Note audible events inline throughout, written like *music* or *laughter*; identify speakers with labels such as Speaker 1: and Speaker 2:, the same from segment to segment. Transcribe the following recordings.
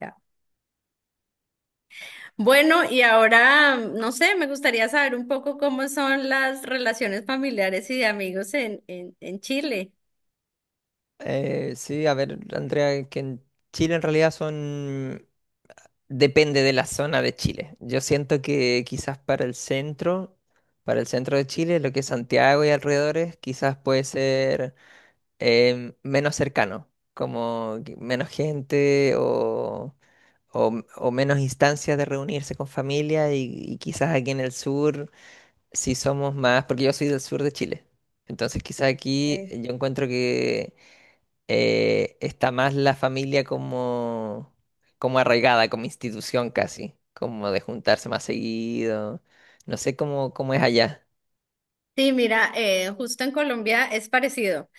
Speaker 1: Ya. Bueno, y ahora, no sé, me gustaría saber un poco cómo son las relaciones familiares y de amigos en Chile.
Speaker 2: Sí, a ver, Andrea, que en Chile en realidad son... Depende de la zona de Chile. Yo siento que quizás para el centro de Chile, lo que es Santiago y alrededores, quizás puede ser menos cercano, como que menos gente o menos instancias de reunirse con familia y quizás aquí en el sur, si somos más, porque yo soy del sur de Chile. Entonces quizás aquí
Speaker 1: Sí.
Speaker 2: yo encuentro que está más la familia como arraigada, como institución casi, como de juntarse más seguido. No sé cómo es allá.
Speaker 1: Sí, mira, justo en Colombia es parecido.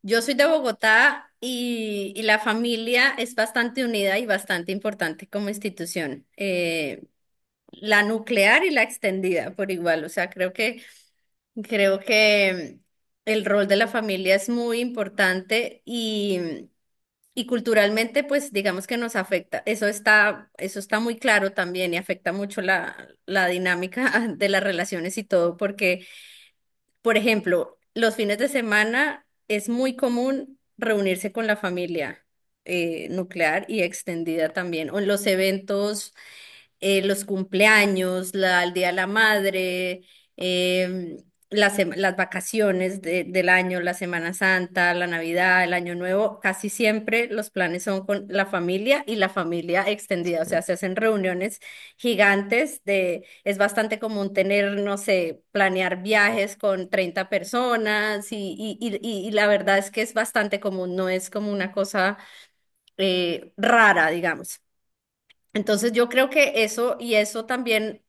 Speaker 1: Yo soy de Bogotá y la familia es bastante unida y bastante importante como institución. La nuclear y la extendida por igual. O sea, creo que el rol de la familia es muy importante y y culturalmente, pues digamos que nos afecta. Eso está muy claro también y afecta mucho la dinámica *laughs* de las relaciones y todo, porque, por ejemplo, los fines de semana es muy común reunirse con la familia nuclear y extendida también, o en los eventos, los cumpleaños, el Día de la Madre, em, las, las vacaciones del año, la Semana Santa, la Navidad, el Año Nuevo. Casi siempre los planes son con la familia y la familia extendida, o sea,
Speaker 2: Mm.
Speaker 1: se hacen reuniones gigantes de, es bastante común tener, no sé, planear viajes con 30 personas y la verdad es que es bastante común, no es como una cosa rara, digamos. Entonces yo creo que eso, y eso también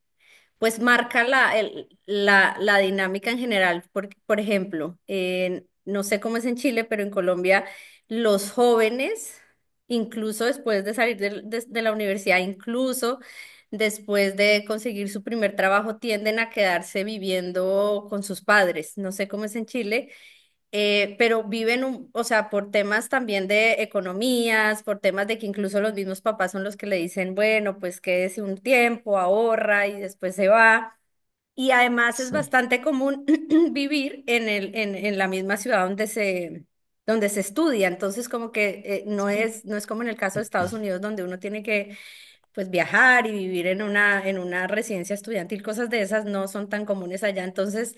Speaker 1: pues marca la dinámica en general. Por ejemplo, no sé cómo es en Chile, pero en Colombia los jóvenes, incluso después de salir de la universidad, incluso después de conseguir su primer trabajo, tienden a quedarse viviendo con sus padres. No sé cómo es en Chile, pero viven, un, o sea, por temas también de economías, por temas de que incluso los mismos papás son los que le dicen, bueno, pues quédese un tiempo, ahorra y después se va. Y además es
Speaker 2: Sí,
Speaker 1: bastante común *clears throat* vivir en la misma ciudad donde donde se estudia. Entonces, como que no
Speaker 2: sí.
Speaker 1: es, no es como en el caso de Estados Unidos, donde uno tiene que pues viajar y vivir en una residencia estudiantil, cosas de esas no son tan comunes allá. Entonces,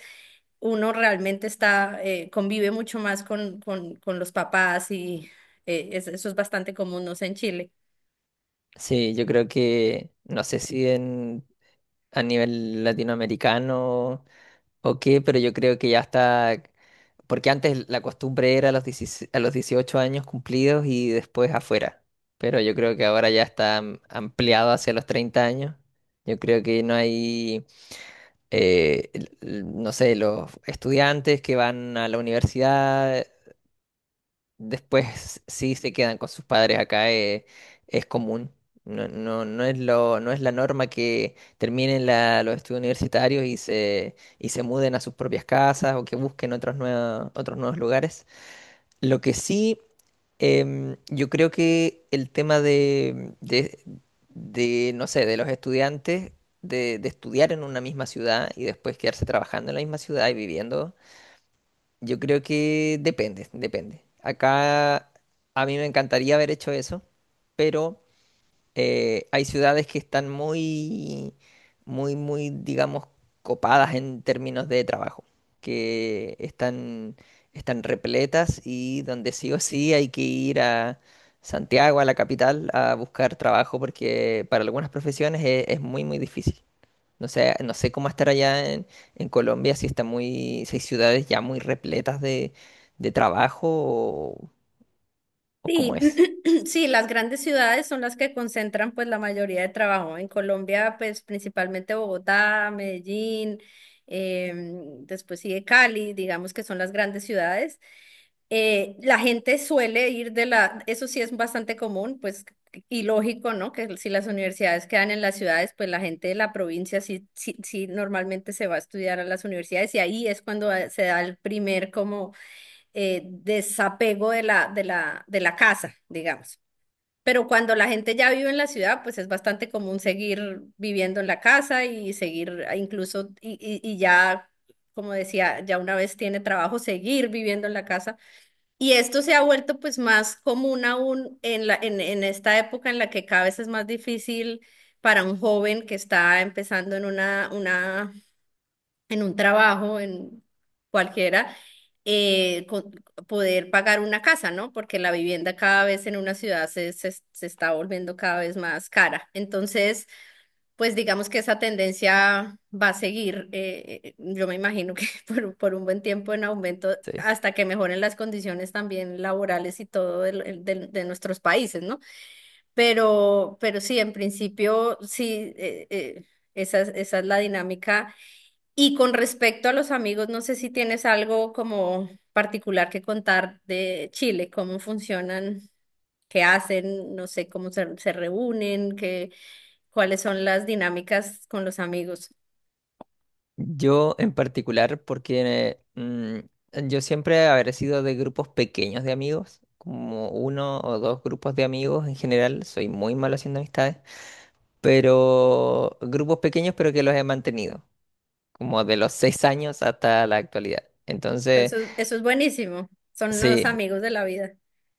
Speaker 1: uno realmente está, convive mucho más con los papás y eso es bastante común, no sé, en Chile.
Speaker 2: Sí, yo creo que, no sé si a nivel latinoamericano o qué, pero yo creo que ya está, porque antes la costumbre era a los 16 a los 18 años cumplidos y después afuera, pero yo creo que ahora ya está ampliado hacia los 30 años. Yo creo que no hay no sé, los estudiantes que van a la universidad, después sí se quedan con sus padres acá, es común. No, no, no es la norma que terminen los estudios universitarios y se muden a sus propias casas o que busquen otros nuevos lugares. Lo que sí, yo creo que el tema no sé, de los estudiantes, de estudiar en una misma ciudad y después quedarse trabajando en la misma ciudad y viviendo, yo creo que depende, depende. Acá a mí me encantaría haber hecho eso, pero hay ciudades que están muy, muy, muy, digamos, copadas en términos de trabajo, que están repletas y donde sí o sí hay que ir a Santiago, a la capital, a buscar trabajo porque para algunas profesiones es, muy, muy difícil. No sé cómo estar allá en Colombia, si está si hay ciudades ya muy repletas de trabajo o cómo
Speaker 1: Sí,
Speaker 2: es.
Speaker 1: *clears throat* sí, las grandes ciudades son las que concentran pues la mayoría de trabajo. En Colombia, pues principalmente Bogotá, Medellín, después sigue Cali, digamos que son las grandes ciudades. La gente suele ir de la, eso sí es bastante común, pues, y lógico, ¿no? Que si las universidades quedan en las ciudades, pues la gente de la provincia sí normalmente se va a estudiar a las universidades, y ahí es cuando se da el primer como desapego de la casa, digamos. Pero cuando la gente ya vive en la ciudad, pues es bastante común seguir viviendo en la casa y seguir incluso, y y ya, como decía, ya una vez tiene trabajo, seguir viviendo en la casa. Y esto se ha vuelto pues más común aún en en esta época en la que cada vez es más difícil para un joven que está empezando en un trabajo, en cualquiera, eh, co- poder pagar una casa, ¿no? Porque la vivienda cada vez en una ciudad se está volviendo cada vez más cara. Entonces, pues digamos que esa tendencia va a seguir, yo me imagino que *laughs* por un buen tiempo en aumento,
Speaker 2: Sí.
Speaker 1: hasta que mejoren las condiciones también laborales y todo de nuestros países, ¿no? Pero sí, en principio, sí, esa es la dinámica. Y con respecto a los amigos, no sé si tienes algo como particular que contar de Chile, cómo funcionan, qué hacen, no sé, cómo se reúnen, qué cuáles son las dinámicas con los amigos.
Speaker 2: Yo en particular, porque yo siempre habré sido de grupos pequeños de amigos, como uno o dos grupos de amigos en general, soy muy malo haciendo amistades, pero grupos pequeños pero que los he mantenido, como de los 6 años hasta la actualidad. Entonces,
Speaker 1: Eso es buenísimo. Son los
Speaker 2: sí,
Speaker 1: amigos de la vida.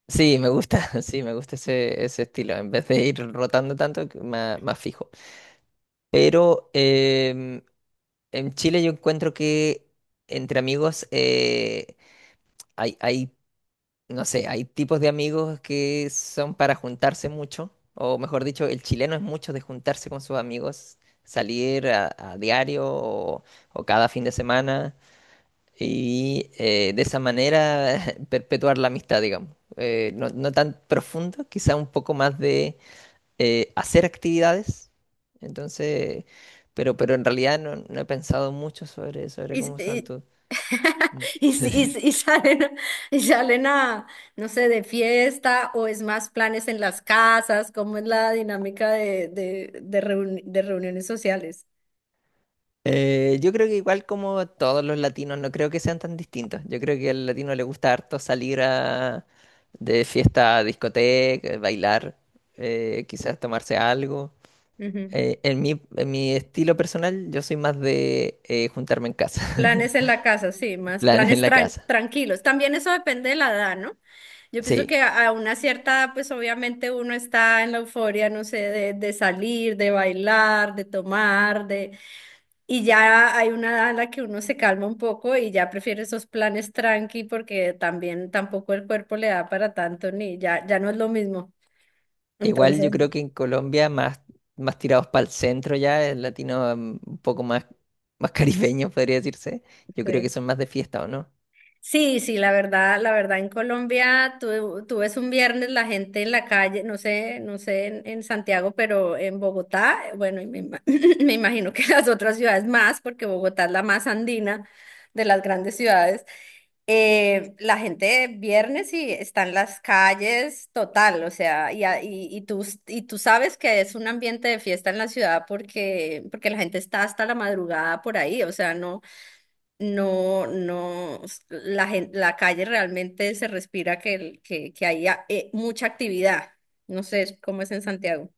Speaker 2: sí, me gusta, *laughs* sí, me gusta ese estilo, en vez de ir rotando tanto, que más, más fijo. Pero en Chile yo encuentro que entre amigos... hay no sé, hay tipos de amigos que son para juntarse mucho, o mejor dicho, el chileno es mucho de juntarse con sus amigos, salir a diario o cada fin de semana y de esa manera *laughs* perpetuar la amistad, digamos. No, no tan profundo, quizá un poco más de hacer actividades. Entonces, pero en realidad no he pensado mucho sobre
Speaker 1: Y,
Speaker 2: cómo son
Speaker 1: y,
Speaker 2: tus...
Speaker 1: *laughs* y salen, y salen a, no sé, de fiesta o es más planes en las casas, cómo es la dinámica de de reuniones sociales.
Speaker 2: Yo creo que igual como todos los latinos, no creo que sean tan distintos. Yo creo que al latino le gusta harto salir de fiesta a discoteca, bailar, quizás tomarse algo.
Speaker 1: Ujú.
Speaker 2: En mi estilo personal, yo soy más de juntarme en casa,
Speaker 1: Planes en la casa, sí,
Speaker 2: *laughs*
Speaker 1: más
Speaker 2: planes en
Speaker 1: planes
Speaker 2: la casa.
Speaker 1: tranquilos. También eso depende de la edad, ¿no? Yo pienso
Speaker 2: Sí,
Speaker 1: que a una cierta edad, pues obviamente uno está en la euforia, no sé, de salir, de bailar, de tomar, de... Y ya hay una edad en la que uno se calma un poco y ya prefiere esos planes tranqui, porque también tampoco el cuerpo le da para tanto ni ya, ya no es lo mismo.
Speaker 2: igual yo
Speaker 1: Entonces,
Speaker 2: creo que en Colombia más, más tirados para el centro ya, el latino un poco más, más caribeño podría decirse. Yo creo que
Speaker 1: sí.
Speaker 2: son más de fiesta, ¿o no?
Speaker 1: Sí, sí, la verdad en Colombia, tú ves un viernes la gente en la calle, no sé, no sé en Santiago, pero en Bogotá, bueno, y me, *laughs* *clears throat* me imagino que las otras ciudades más, porque Bogotá es la más andina de las grandes ciudades, la gente viernes y está en las calles total, o sea, y tú sabes que es un ambiente de fiesta en la ciudad, porque, porque la gente está hasta la madrugada por ahí, o sea, no, la calle realmente se respira que, que hay mucha actividad. No sé cómo es en Santiago.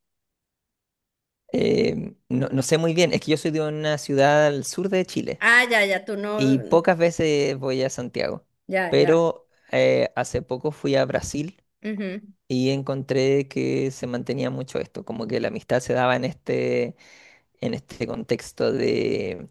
Speaker 2: No, no sé muy bien, es que yo soy de una ciudad al sur de Chile
Speaker 1: Ah, ya, ya, tú no,
Speaker 2: y pocas veces voy a Santiago,
Speaker 1: ya, ya.
Speaker 2: pero hace poco fui a Brasil
Speaker 1: Ujú.
Speaker 2: y encontré que se mantenía mucho esto, como que la amistad se daba en este contexto de,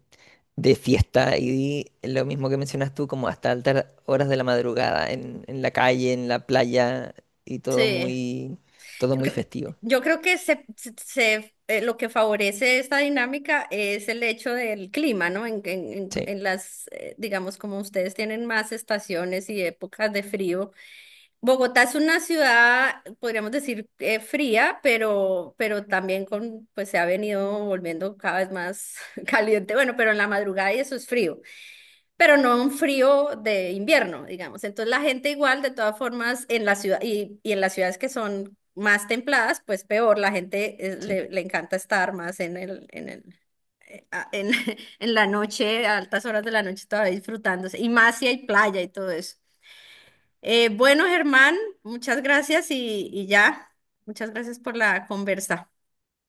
Speaker 2: de fiesta y lo mismo que mencionas tú, como hasta altas horas de la madrugada, en la calle, en la playa y todo
Speaker 1: Sí.
Speaker 2: muy, todo
Speaker 1: Yo,
Speaker 2: muy
Speaker 1: creo
Speaker 2: festivo.
Speaker 1: yo creo que lo que favorece esta dinámica es el hecho del clima, ¿no?
Speaker 2: Sí,
Speaker 1: En las, digamos, como ustedes tienen más estaciones y épocas de frío. Bogotá es una ciudad, podríamos decir, fría, pero también con, pues se ha venido volviendo cada vez más *laughs* caliente. Bueno, pero en la madrugada y eso es frío, pero no un frío de invierno, digamos. Entonces la gente igual, de todas formas, en la ciudad y en las ciudades que son más templadas, pues peor, la gente
Speaker 2: sí.
Speaker 1: le encanta estar más en el, a- en, *laughs* en la noche, a altas horas de la noche todavía disfrutándose, y más si hay playa y todo eso. Bueno, Germán, muchas gracias y ya. Muchas gracias por la conversa.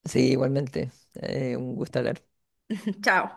Speaker 2: Sí, igualmente. Un gusto hablar.
Speaker 1: *laughs* Chao.